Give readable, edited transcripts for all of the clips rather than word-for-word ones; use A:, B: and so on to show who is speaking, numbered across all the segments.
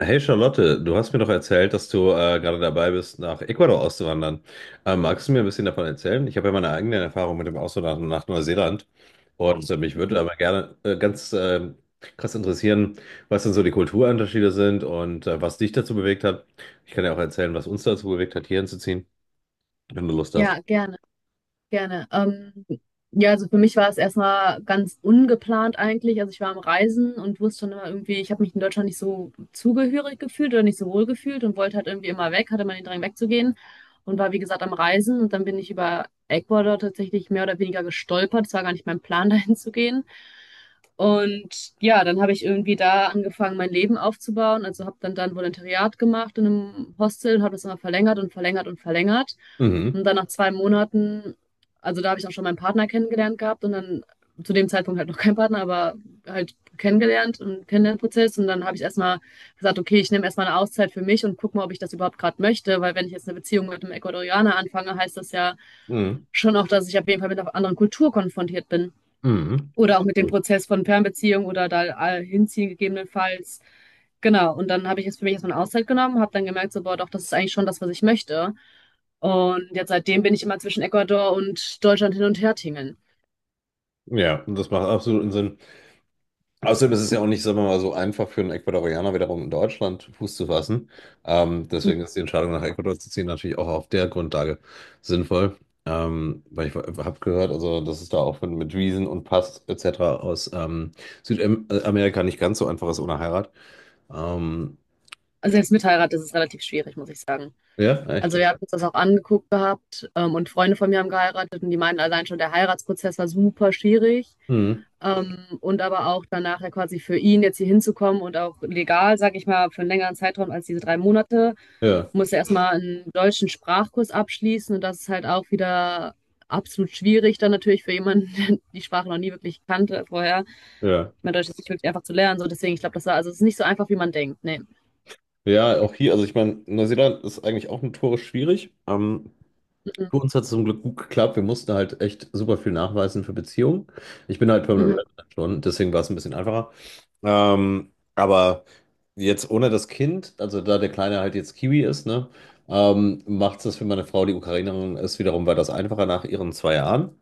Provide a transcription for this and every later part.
A: Hey Charlotte, du hast mir doch erzählt, dass du gerade dabei bist, nach Ecuador auszuwandern. Magst du mir ein bisschen davon erzählen? Ich habe ja meine eigenen Erfahrungen mit dem Auswandern nach Neuseeland und mich würde aber gerne ganz krass interessieren, was denn so die Kulturunterschiede sind und was dich dazu bewegt hat. Ich kann ja auch erzählen, was uns dazu bewegt hat, hierhin zu ziehen, wenn du Lust hast.
B: Ja, gerne, gerne. Ja, also für mich war es erstmal ganz ungeplant eigentlich. Also ich war am Reisen und wusste schon immer irgendwie, ich habe mich in Deutschland nicht so zugehörig gefühlt oder nicht so wohl gefühlt und wollte halt irgendwie immer weg, hatte mal den Drang wegzugehen und war wie gesagt am Reisen und dann bin ich über Ecuador tatsächlich mehr oder weniger gestolpert. Es war gar nicht mein Plan, dahin zu gehen. Und ja, dann habe ich irgendwie da angefangen, mein Leben aufzubauen. Also habe dann Volontariat gemacht in einem Hostel und habe das immer verlängert und verlängert und verlängert.
A: Mhm.
B: Und dann nach 2 Monaten, also da habe ich auch schon meinen Partner kennengelernt gehabt und dann zu dem Zeitpunkt halt noch kein Partner, aber halt kennengelernt und Kennenlernprozess. Und dann habe ich erstmal gesagt, okay, ich nehme erstmal eine Auszeit für mich und gucke mal, ob ich das überhaupt gerade möchte. Weil wenn ich jetzt eine Beziehung mit einem Ecuadorianer anfange, heißt das ja
A: Mhm.
B: schon auch, dass ich auf jeden Fall mit einer anderen Kultur konfrontiert bin.
A: Mhm.
B: Oder auch mit dem
A: Gut.
B: Prozess von Fernbeziehung oder da hinziehen gegebenenfalls. Genau, und dann habe ich jetzt für mich erstmal eine Auszeit genommen, habe dann gemerkt, so, boah, doch, das ist eigentlich schon das, was ich möchte. Und jetzt seitdem bin ich immer zwischen Ecuador und Deutschland hin und her tingeln.
A: Ja, das macht absoluten Sinn. Außerdem ist es ja auch nicht, sagen wir mal, so einfach für einen Ecuadorianer wiederum in Deutschland Fuß zu fassen. Deswegen ist die Entscheidung nach Ecuador zu ziehen natürlich auch auf der Grundlage sinnvoll. Weil ich habe gehört, also dass es da auch mit Wiesen und Pass etc. aus Südamerika nicht ganz so einfach ist ohne Heirat. Ähm,
B: Also selbst mit Heirat ist es relativ schwierig, muss ich sagen.
A: ja, echt.
B: Also wir haben uns das auch angeguckt gehabt, und Freunde von mir haben geheiratet und die meinen allein schon, der Heiratsprozess war super schwierig.
A: Mhm.
B: Und aber auch danach ja quasi für ihn jetzt hier hinzukommen und auch legal, sag ich mal, für einen längeren Zeitraum als diese 3 Monate
A: Ja,
B: musste erstmal einen deutschen Sprachkurs abschließen und das ist halt auch wieder absolut schwierig dann natürlich für jemanden, der die Sprache noch nie wirklich kannte vorher.
A: ja.
B: Ich Deutsch ist nicht wirklich einfach zu lernen, so deswegen, ich glaube, das war, also es ist nicht so einfach, wie man denkt. Nee.
A: Ja, auch hier, also ich meine, Neuseeland ist eigentlich auch notorisch schwierig.
B: Mhm.
A: Für uns hat es zum Glück gut geklappt. Wir mussten halt echt super viel nachweisen für Beziehungen. Ich bin halt
B: Mhm.
A: Permanent
B: Mhm.
A: Resident schon, deswegen war es ein bisschen einfacher. Aber jetzt ohne das Kind, also da der Kleine halt jetzt Kiwi ist, ne, macht es das für meine Frau, die Ukrainerin ist, wiederum war das einfacher nach ihren 2 Jahren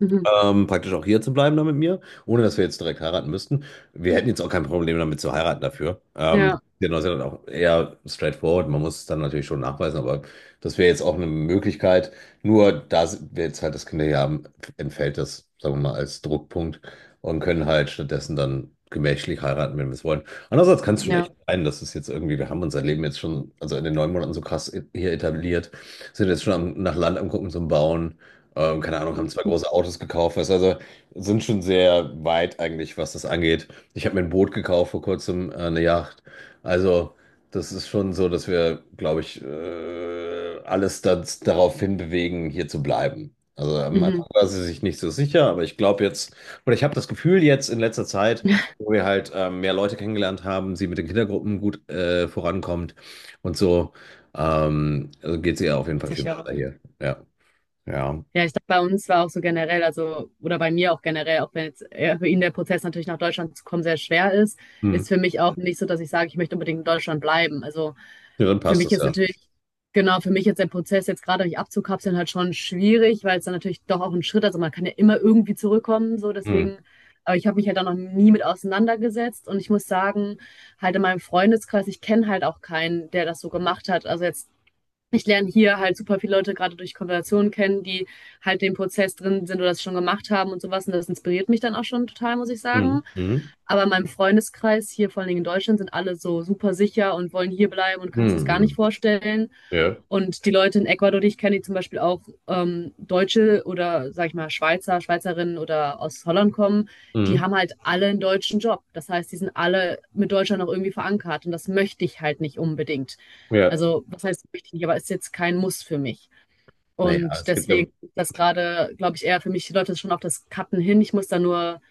B: Mhm.
A: praktisch auch hier zu bleiben da mit mir, ohne dass wir jetzt direkt heiraten müssten. Wir hätten jetzt auch kein Problem damit zu heiraten dafür.
B: Ja,
A: Der Neuseeland auch eher straightforward. Man muss es dann natürlich schon nachweisen, aber das wäre jetzt auch eine Möglichkeit. Nur da wir jetzt halt das Kinder hier haben, entfällt das, sagen wir mal, als Druckpunkt und können halt stattdessen dann gemächlich heiraten, wenn wir es wollen. Andererseits kann es schon echt
B: ja.
A: sein, dass es jetzt irgendwie, wir haben unser Leben jetzt schon, also in den 9 Monaten so krass hier etabliert, sind jetzt schon am, nach Land am Gucken zum Bauen. Keine Ahnung, haben zwei
B: Mhm.
A: große Autos gekauft. Weißt, du, also sind schon sehr weit eigentlich, was das angeht. Ich habe mir ein Boot gekauft vor kurzem, eine Yacht. Also das ist schon so, dass wir, glaube ich, alles das, darauf hinbewegen, hier zu bleiben. Also am
B: Mhm.
A: Anfang war sie sich nicht so sicher, aber ich glaube jetzt, oder ich habe das Gefühl jetzt in letzter Zeit, wo wir halt mehr Leute kennengelernt haben, sie mit den Kindergruppen gut vorankommt und so, also geht es ihr auf jeden Fall viel
B: Sicher.
A: besser hier. Ja, ja.
B: Ja, ich glaube, bei uns war auch so generell, also, oder bei mir auch generell, auch wenn jetzt für ihn der Prozess natürlich nach Deutschland zu kommen sehr schwer ist,
A: Hm.
B: ist für mich auch nicht so, dass ich sage, ich möchte unbedingt in Deutschland bleiben. Also
A: Ja, dann
B: für
A: passt
B: mich
A: das
B: ist
A: ja.
B: natürlich, genau, für mich jetzt der Prozess jetzt gerade mich abzukapseln halt schon schwierig, weil es dann natürlich doch auch ein Schritt, also man kann ja immer irgendwie zurückkommen, so
A: Mhm.
B: deswegen, aber ich habe mich halt da noch nie mit auseinandergesetzt und ich muss sagen, halt in meinem Freundeskreis, ich kenne halt auch keinen, der das so gemacht hat. Also jetzt ich lerne hier halt super viele Leute gerade durch Konversationen kennen, die halt den Prozess drin sind oder das schon gemacht haben und sowas. Und das inspiriert mich dann auch schon total, muss ich
A: Mhm.
B: sagen.
A: Mhm.
B: Aber in meinem Freundeskreis hier, vor allen Dingen in Deutschland, sind alle so super sicher und wollen hier bleiben und
A: Mhm.
B: kannst dir das gar nicht
A: Mhm.
B: vorstellen.
A: Ja.
B: Und die Leute in Ecuador, die ich kenne, die zum Beispiel auch Deutsche oder, sag ich mal, Schweizer, Schweizerinnen oder aus Holland kommen, die
A: Mhm.
B: haben halt alle einen deutschen Job. Das heißt, die sind alle mit Deutschland noch irgendwie verankert. Und das möchte ich halt nicht unbedingt.
A: Ja.
B: Also, was heißt wichtig, aber ist jetzt kein Muss für mich.
A: Na ja,
B: Und
A: es gibt ja
B: deswegen ist das gerade, glaube ich, eher für mich, die Leute schon auf das Cutten hin. Ich muss da nur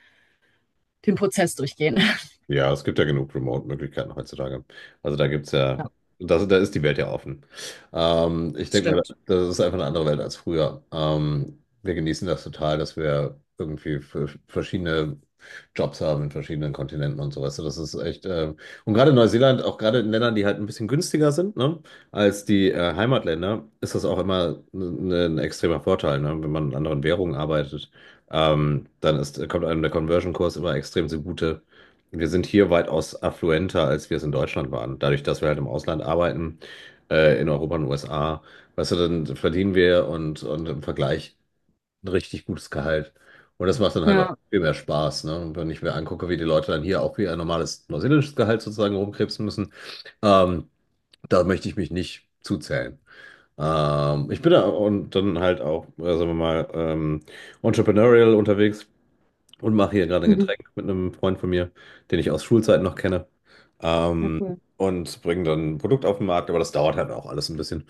B: den Prozess durchgehen.
A: Ja, es gibt ja genug Remote-Möglichkeiten heutzutage. Also da gibt's ja, das, da ist die Welt ja offen. Ich denke mal, das ist einfach eine andere Welt als früher. Wir genießen das total, dass wir irgendwie für verschiedene Jobs haben in verschiedenen Kontinenten und so, weißt du, das ist echt, und gerade in Neuseeland, auch gerade in Ländern, die halt ein bisschen günstiger sind, ne, als die Heimatländer, ist das auch immer ein extremer Vorteil, ne, wenn man in anderen Währungen arbeitet, dann ist, kommt einem der Conversion-Kurs immer extrem zugute. Wir sind hier weitaus affluenter, als wir es in Deutschland waren. Dadurch, dass wir halt im Ausland arbeiten, in Europa und USA, weißt du, dann verdienen wir und im Vergleich ein richtig gutes Gehalt. Und das macht dann halt auch
B: Ja,
A: viel mehr Spaß, ne? Und wenn ich mir angucke, wie die Leute dann hier auch wie ein normales neuseeländisches Gehalt sozusagen rumkrebsen müssen, ähm, da möchte ich mich nicht zuzählen. Ich bin da und dann halt auch, sagen wir mal, entrepreneurial unterwegs und mache hier gerade ein
B: mhm.
A: Getränk mit einem Freund von mir, den ich aus Schulzeiten noch kenne.
B: Ja,
A: Ähm,
B: cool.
A: und bringe dann ein Produkt auf den Markt, aber das dauert halt auch alles ein bisschen.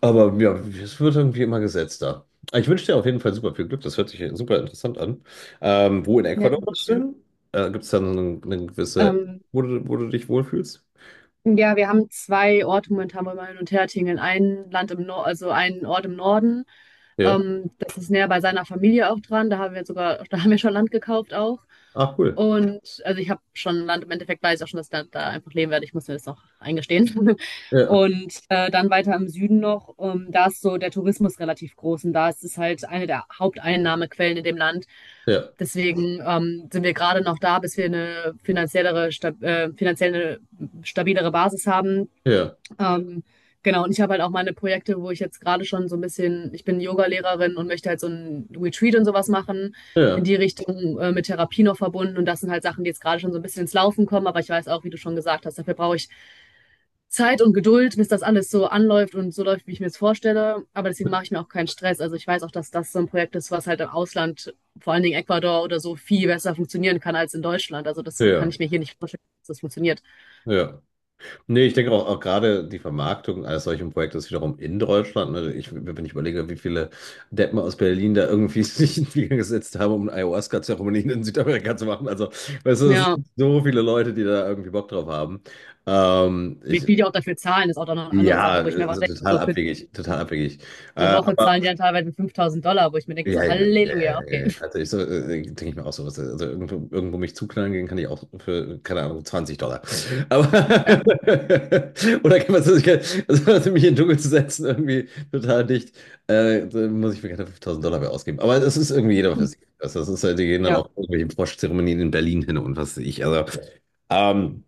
A: Aber ja, es wird irgendwie immer gesetzter. Ich wünsche dir auf jeden Fall super viel Glück, das hört sich super interessant an. Wo in
B: Ja,
A: Ecuador
B: danke
A: magst du
B: schön.
A: hin? Gibt es da so eine gewisse,
B: Ähm,
A: wo du dich wohlfühlst?
B: ja, wir haben zwei Orte momentan, wo wir hin und her tingeln. Ein Land im Norden, also einen Ort im Norden.
A: Ja.
B: Das ist näher bei seiner Familie auch dran. Da haben wir sogar, da haben wir schon Land gekauft auch.
A: Ah, cool.
B: Und also ich habe schon Land im Endeffekt, weiß ich auch schon, dass ich da einfach leben werde. Ich muss mir das noch eingestehen.
A: Ja,
B: Und dann weiter im Süden noch, da ist so der Tourismus relativ groß und da ist es halt eine der Haupteinnahmequellen in dem Land.
A: ja,
B: Deswegen sind wir gerade noch da, bis wir eine finanziell eine stabilere Basis haben,
A: ja,
B: ähm, genau, und ich habe halt auch meine Projekte, wo ich jetzt gerade schon so ein bisschen, ich bin Yoga-Lehrerin und möchte halt so ein Retreat und sowas machen, in
A: ja,
B: die Richtung mit Therapie noch verbunden. Und das sind halt Sachen, die jetzt gerade schon so ein bisschen ins Laufen kommen. Aber ich weiß auch, wie du schon gesagt hast, dafür brauche ich Zeit und Geduld, bis das alles so anläuft und so läuft, wie ich mir es vorstelle. Aber deswegen mache ich mir auch keinen Stress. Also ich weiß auch, dass das so ein Projekt ist, was halt im Ausland, vor allen Dingen Ecuador oder so, viel besser funktionieren kann als in Deutschland. Also das kann
A: ja,
B: ich mir hier nicht vorstellen, dass das funktioniert.
A: ja. Nee, ich denke auch, auch gerade die Vermarktung eines solchen Projektes wiederum in Deutschland. Ne? Wenn ich überlege, wie viele Deppen aus Berlin da irgendwie sich in den Flieger gesetzt haben, um eine Ayahuasca-Zeremonie in Südamerika zu machen. Also, weißt du, es
B: Ja,
A: sind so viele Leute, die da irgendwie Bock drauf haben. Ähm,
B: wie
A: ich,
B: viel die auch dafür zahlen, ist auch dann noch eine andere
A: ja,
B: Sache, wo ich mir aber
A: also
B: denke,
A: total
B: so für
A: abwegig, total abwegig.
B: eine
A: Äh,
B: Woche zahlen die dann teilweise 5000 Dollar, wo ich mir denke,
A: ja,
B: so
A: ja, ja,
B: Halleluja,
A: ja, ja.
B: okay.
A: Ja. Also ich so, denke ich mir auch so, was, also irgendwo mich zuknallen gehen kann ich auch für, keine Ahnung, 20 Dollar. Aber oder kann man so, also mich in den Dschungel zu setzen, irgendwie total dicht, dann muss ich mir keine 5.000 Dollar mehr ausgeben. Aber das ist irgendwie jeder für sich. Also das ist halt, die gehen dann
B: Ja,
A: auch irgendwelche Froschzeremonien in Berlin hin und was weiß ich. Also ähm,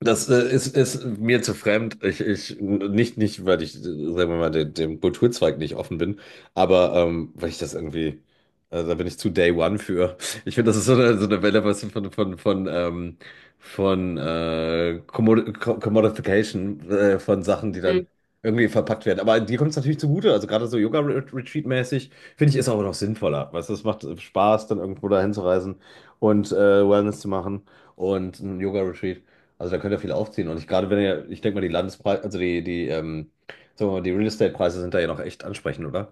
A: das ist mir zu fremd. Ich, nicht, nicht, weil ich, sagen wir mal, dem Kulturzweig nicht offen bin, aber weil ich das irgendwie, da bin ich zu Day One für. Ich finde, das ist so eine Welle, was von Commodification von Sachen, die dann
B: mhm.
A: irgendwie verpackt werden. Aber dir kommt es natürlich zugute. Also gerade so Yoga-Retreat-mäßig, finde ich, ist auch noch sinnvoller. Weißt du, es macht Spaß, dann irgendwo dahin zu reisen und Wellness zu machen und ein Yoga-Retreat. Also da könnt ihr viel aufziehen. Und ich gerade wenn ihr, ich denke mal, die Landespreise, also sagen wir mal, die Real Estate-Preise sind da ja noch echt ansprechend, oder?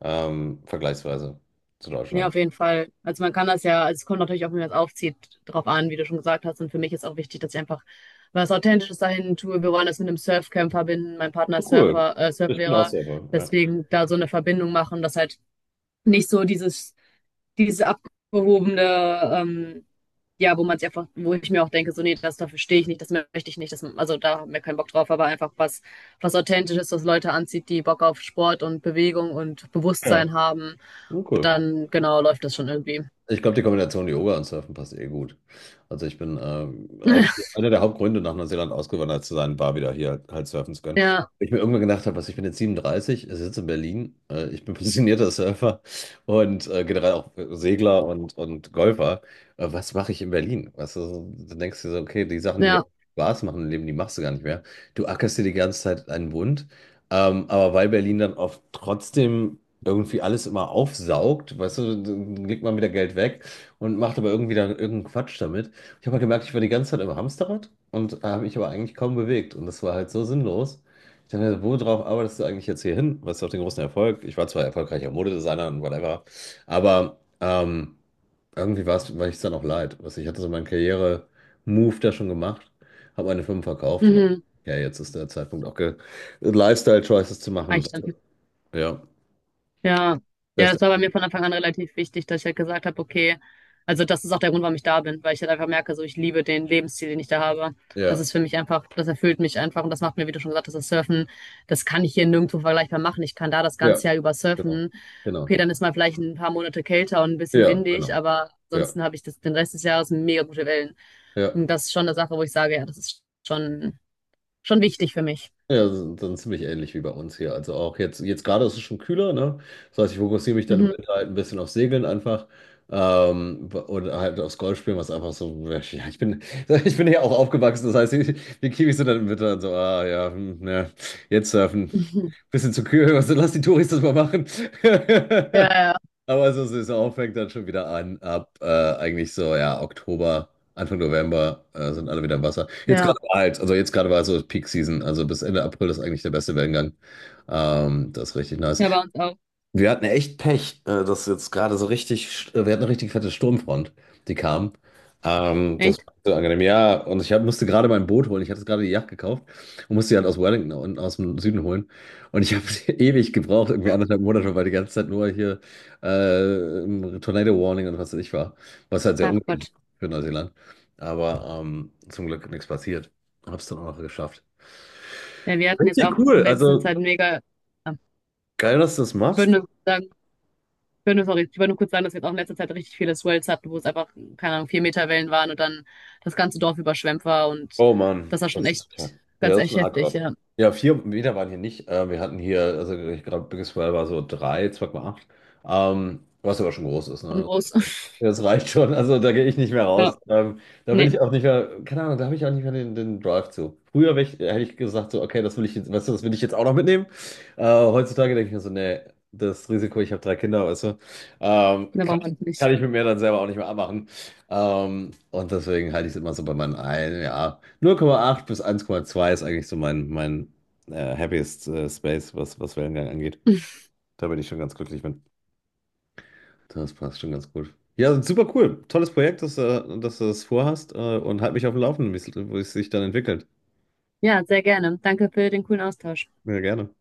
A: Vergleichsweise zu
B: Ja,
A: Deutschland.
B: auf jeden Fall. Also man kann das ja, also es kommt natürlich auch, wie man es aufzieht, drauf an, wie du schon gesagt hast. Und für mich ist auch wichtig, dass ich einfach was Authentisches dahin tue. Wir wollen das mit einem Surfcamp verbinden. Mein Partner ist
A: Cool.
B: Surfer,
A: Ich bin auch
B: Surflehrer.
A: Surfer, ja.
B: Deswegen da so eine Verbindung machen, dass halt nicht so dieses abgehobene, ähm, ja, wo man es einfach, wo ich mir auch denke, so, nee, das dafür stehe ich nicht, das möchte ich nicht, das, also da haben wir keinen Bock drauf, aber einfach was, was Authentisches, was Leute anzieht, die Bock auf Sport und Bewegung und
A: Ja,
B: Bewusstsein haben,
A: cool.
B: dann genau läuft das schon irgendwie.
A: Ich glaube, die Kombination Yoga und Surfen passt eh gut. Also ich bin auch einer der Hauptgründe, nach Neuseeland ausgewandert zu sein, war wieder hier halt surfen zu können.
B: Ja,
A: Ich mir irgendwann gedacht habe, was ich bin jetzt 37, sitze in Berlin, ich bin passionierter Surfer und generell auch Segler und Golfer. Was mache ich in Berlin? Weißt du, so, du denkst du dir so, okay, die Sachen, die dir
B: ja,
A: Spaß machen im Leben, die machst du gar nicht mehr. Du ackerst dir die ganze Zeit einen Bund. Aber weil Berlin dann oft trotzdem irgendwie alles immer aufsaugt, weißt du, dann legt man wieder Geld weg und macht aber irgendwie dann irgendeinen Quatsch damit. Ich habe halt gemerkt, ich war die ganze Zeit im Hamsterrad und habe mich aber eigentlich kaum bewegt und das war halt so sinnlos. Ich dachte, worauf arbeitest du eigentlich jetzt hier hin? Was ist auf den großen Erfolg? Ich war zwar erfolgreicher Modedesigner und whatever, aber irgendwie war es, war ich es dann auch leid. Weißt du, ich hatte so meinen Karriere-Move da schon gemacht, habe meine Firmen verkauft und
B: mhm,
A: ja, jetzt ist der Zeitpunkt auch ge Lifestyle-Choices zu machen.
B: reicht dann.
A: Ja,
B: Ja, ja,
A: beste.
B: das war bei mir von Anfang an relativ wichtig, dass ich halt gesagt habe, okay, also das ist auch der Grund, warum ich da bin, weil ich halt einfach merke, so ich liebe den Lebensstil, den ich da habe. Das
A: Ja.
B: ist für mich einfach, das erfüllt mich einfach und das macht mir, wie du schon gesagt hast, das Surfen, das kann ich hier nirgendwo vergleichbar machen. Ich kann da das
A: Ja,
B: ganze Jahr über
A: genau.
B: surfen. Okay,
A: Genau.
B: dann ist mal vielleicht ein paar Monate kälter und ein bisschen
A: Ja,
B: windig,
A: genau.
B: aber
A: Ja.
B: ansonsten habe ich das, den Rest des Jahres mega gute Wellen.
A: Ja.
B: Und das ist schon eine Sache, wo ich sage, ja, das ist schon, schon wichtig für mich.
A: Ja, dann ziemlich ähnlich wie bei uns hier. Also auch jetzt gerade ist es schon kühler, ne? Das heißt, ich fokussiere mich dann im
B: Mhm.
A: Winter halt ein bisschen auf Segeln einfach. Und halt aufs Golfspielen, was einfach so, ja, ich bin, ich bin ja auch aufgewachsen, das heißt, die Kiwis sind dann im Winter dann so, ah ja, hm, ja, jetzt surfen.
B: Mhm.
A: Bisschen zu kühl, also lass die Touris das mal machen.
B: Ja, ja,
A: Aber so Saison fängt dann schon wieder an, ab eigentlich so, ja, Oktober, Anfang November sind alle wieder im Wasser. Jetzt
B: ja.
A: gerade war halt, also jetzt gerade war so Peak Season, also bis Ende April ist eigentlich der beste Wellengang. Das ist richtig nice.
B: Ja, bei uns auch.
A: Wir hatten echt Pech, dass jetzt gerade so richtig, wir hatten eine richtig fette Sturmfront, die kam. Das
B: Echt?
A: war so angenehm. Ja, und ich hab, musste gerade mein Boot holen. Ich hatte jetzt gerade die Yacht gekauft und musste die halt aus Wellington und aus dem Süden holen. Und ich habe ewig gebraucht, irgendwie anderthalb Monate, weil die ganze Zeit nur hier im Tornado Warning und was weiß ich war. Was halt sehr
B: Ach
A: ungewöhnlich
B: Gott.
A: für Neuseeland. Aber zum Glück nichts passiert. Hab's dann auch noch geschafft.
B: Ja, wir hatten jetzt
A: Richtig
B: auch in
A: cool.
B: letzter
A: Also
B: Zeit mega, ah,
A: geil, dass du das
B: ich würde
A: machst.
B: nur sagen, ich würde nur, sorry, ich würde nur kurz sagen, dass wir jetzt auch in letzter Zeit richtig viele Swells hatten, wo es einfach, keine Ahnung, 4 Meter Wellen waren und dann das ganze Dorf überschwemmt war und
A: Oh Mann,
B: das war schon
A: das ist
B: echt,
A: total. Ja,
B: ganz
A: das ist
B: echt
A: schon
B: heftig,
A: hardcore.
B: ja.
A: Ja, 4 Meter waren hier nicht. Wir hatten hier, also ich glaube, Biggest Well war so drei, 2,8. Was aber schon groß ist,
B: Und
A: ne?
B: groß.
A: Das reicht schon. Also da gehe ich nicht mehr
B: Ja.
A: raus. Da bin
B: Nee,
A: ich auch nicht mehr, keine Ahnung, da habe ich auch nicht mehr den Drive zu. Früher wär ich, hätte ich gesagt, so, okay, das will ich jetzt, weißt du, das will ich jetzt auch noch mitnehmen. Heutzutage denke ich mir so, nee, das Risiko, ich habe drei Kinder, weißt du,
B: da
A: kann
B: brauchen wir
A: ich,
B: das nicht.
A: kann ich mit mir dann selber auch nicht mehr abmachen. Und deswegen halte ich es immer so bei meinen ein, ja. 0,8 bis 1,2 ist eigentlich so mein happiest Space, was Wellengang angeht. Da bin ich schon ganz glücklich mit. Das passt schon ganz gut. Ja, super cool. Tolles Projekt, dass du das vorhast und halt mich auf dem Laufenden, wie es sich dann entwickelt.
B: Ja, sehr gerne. Danke für den coolen Austausch.
A: Ja, gerne.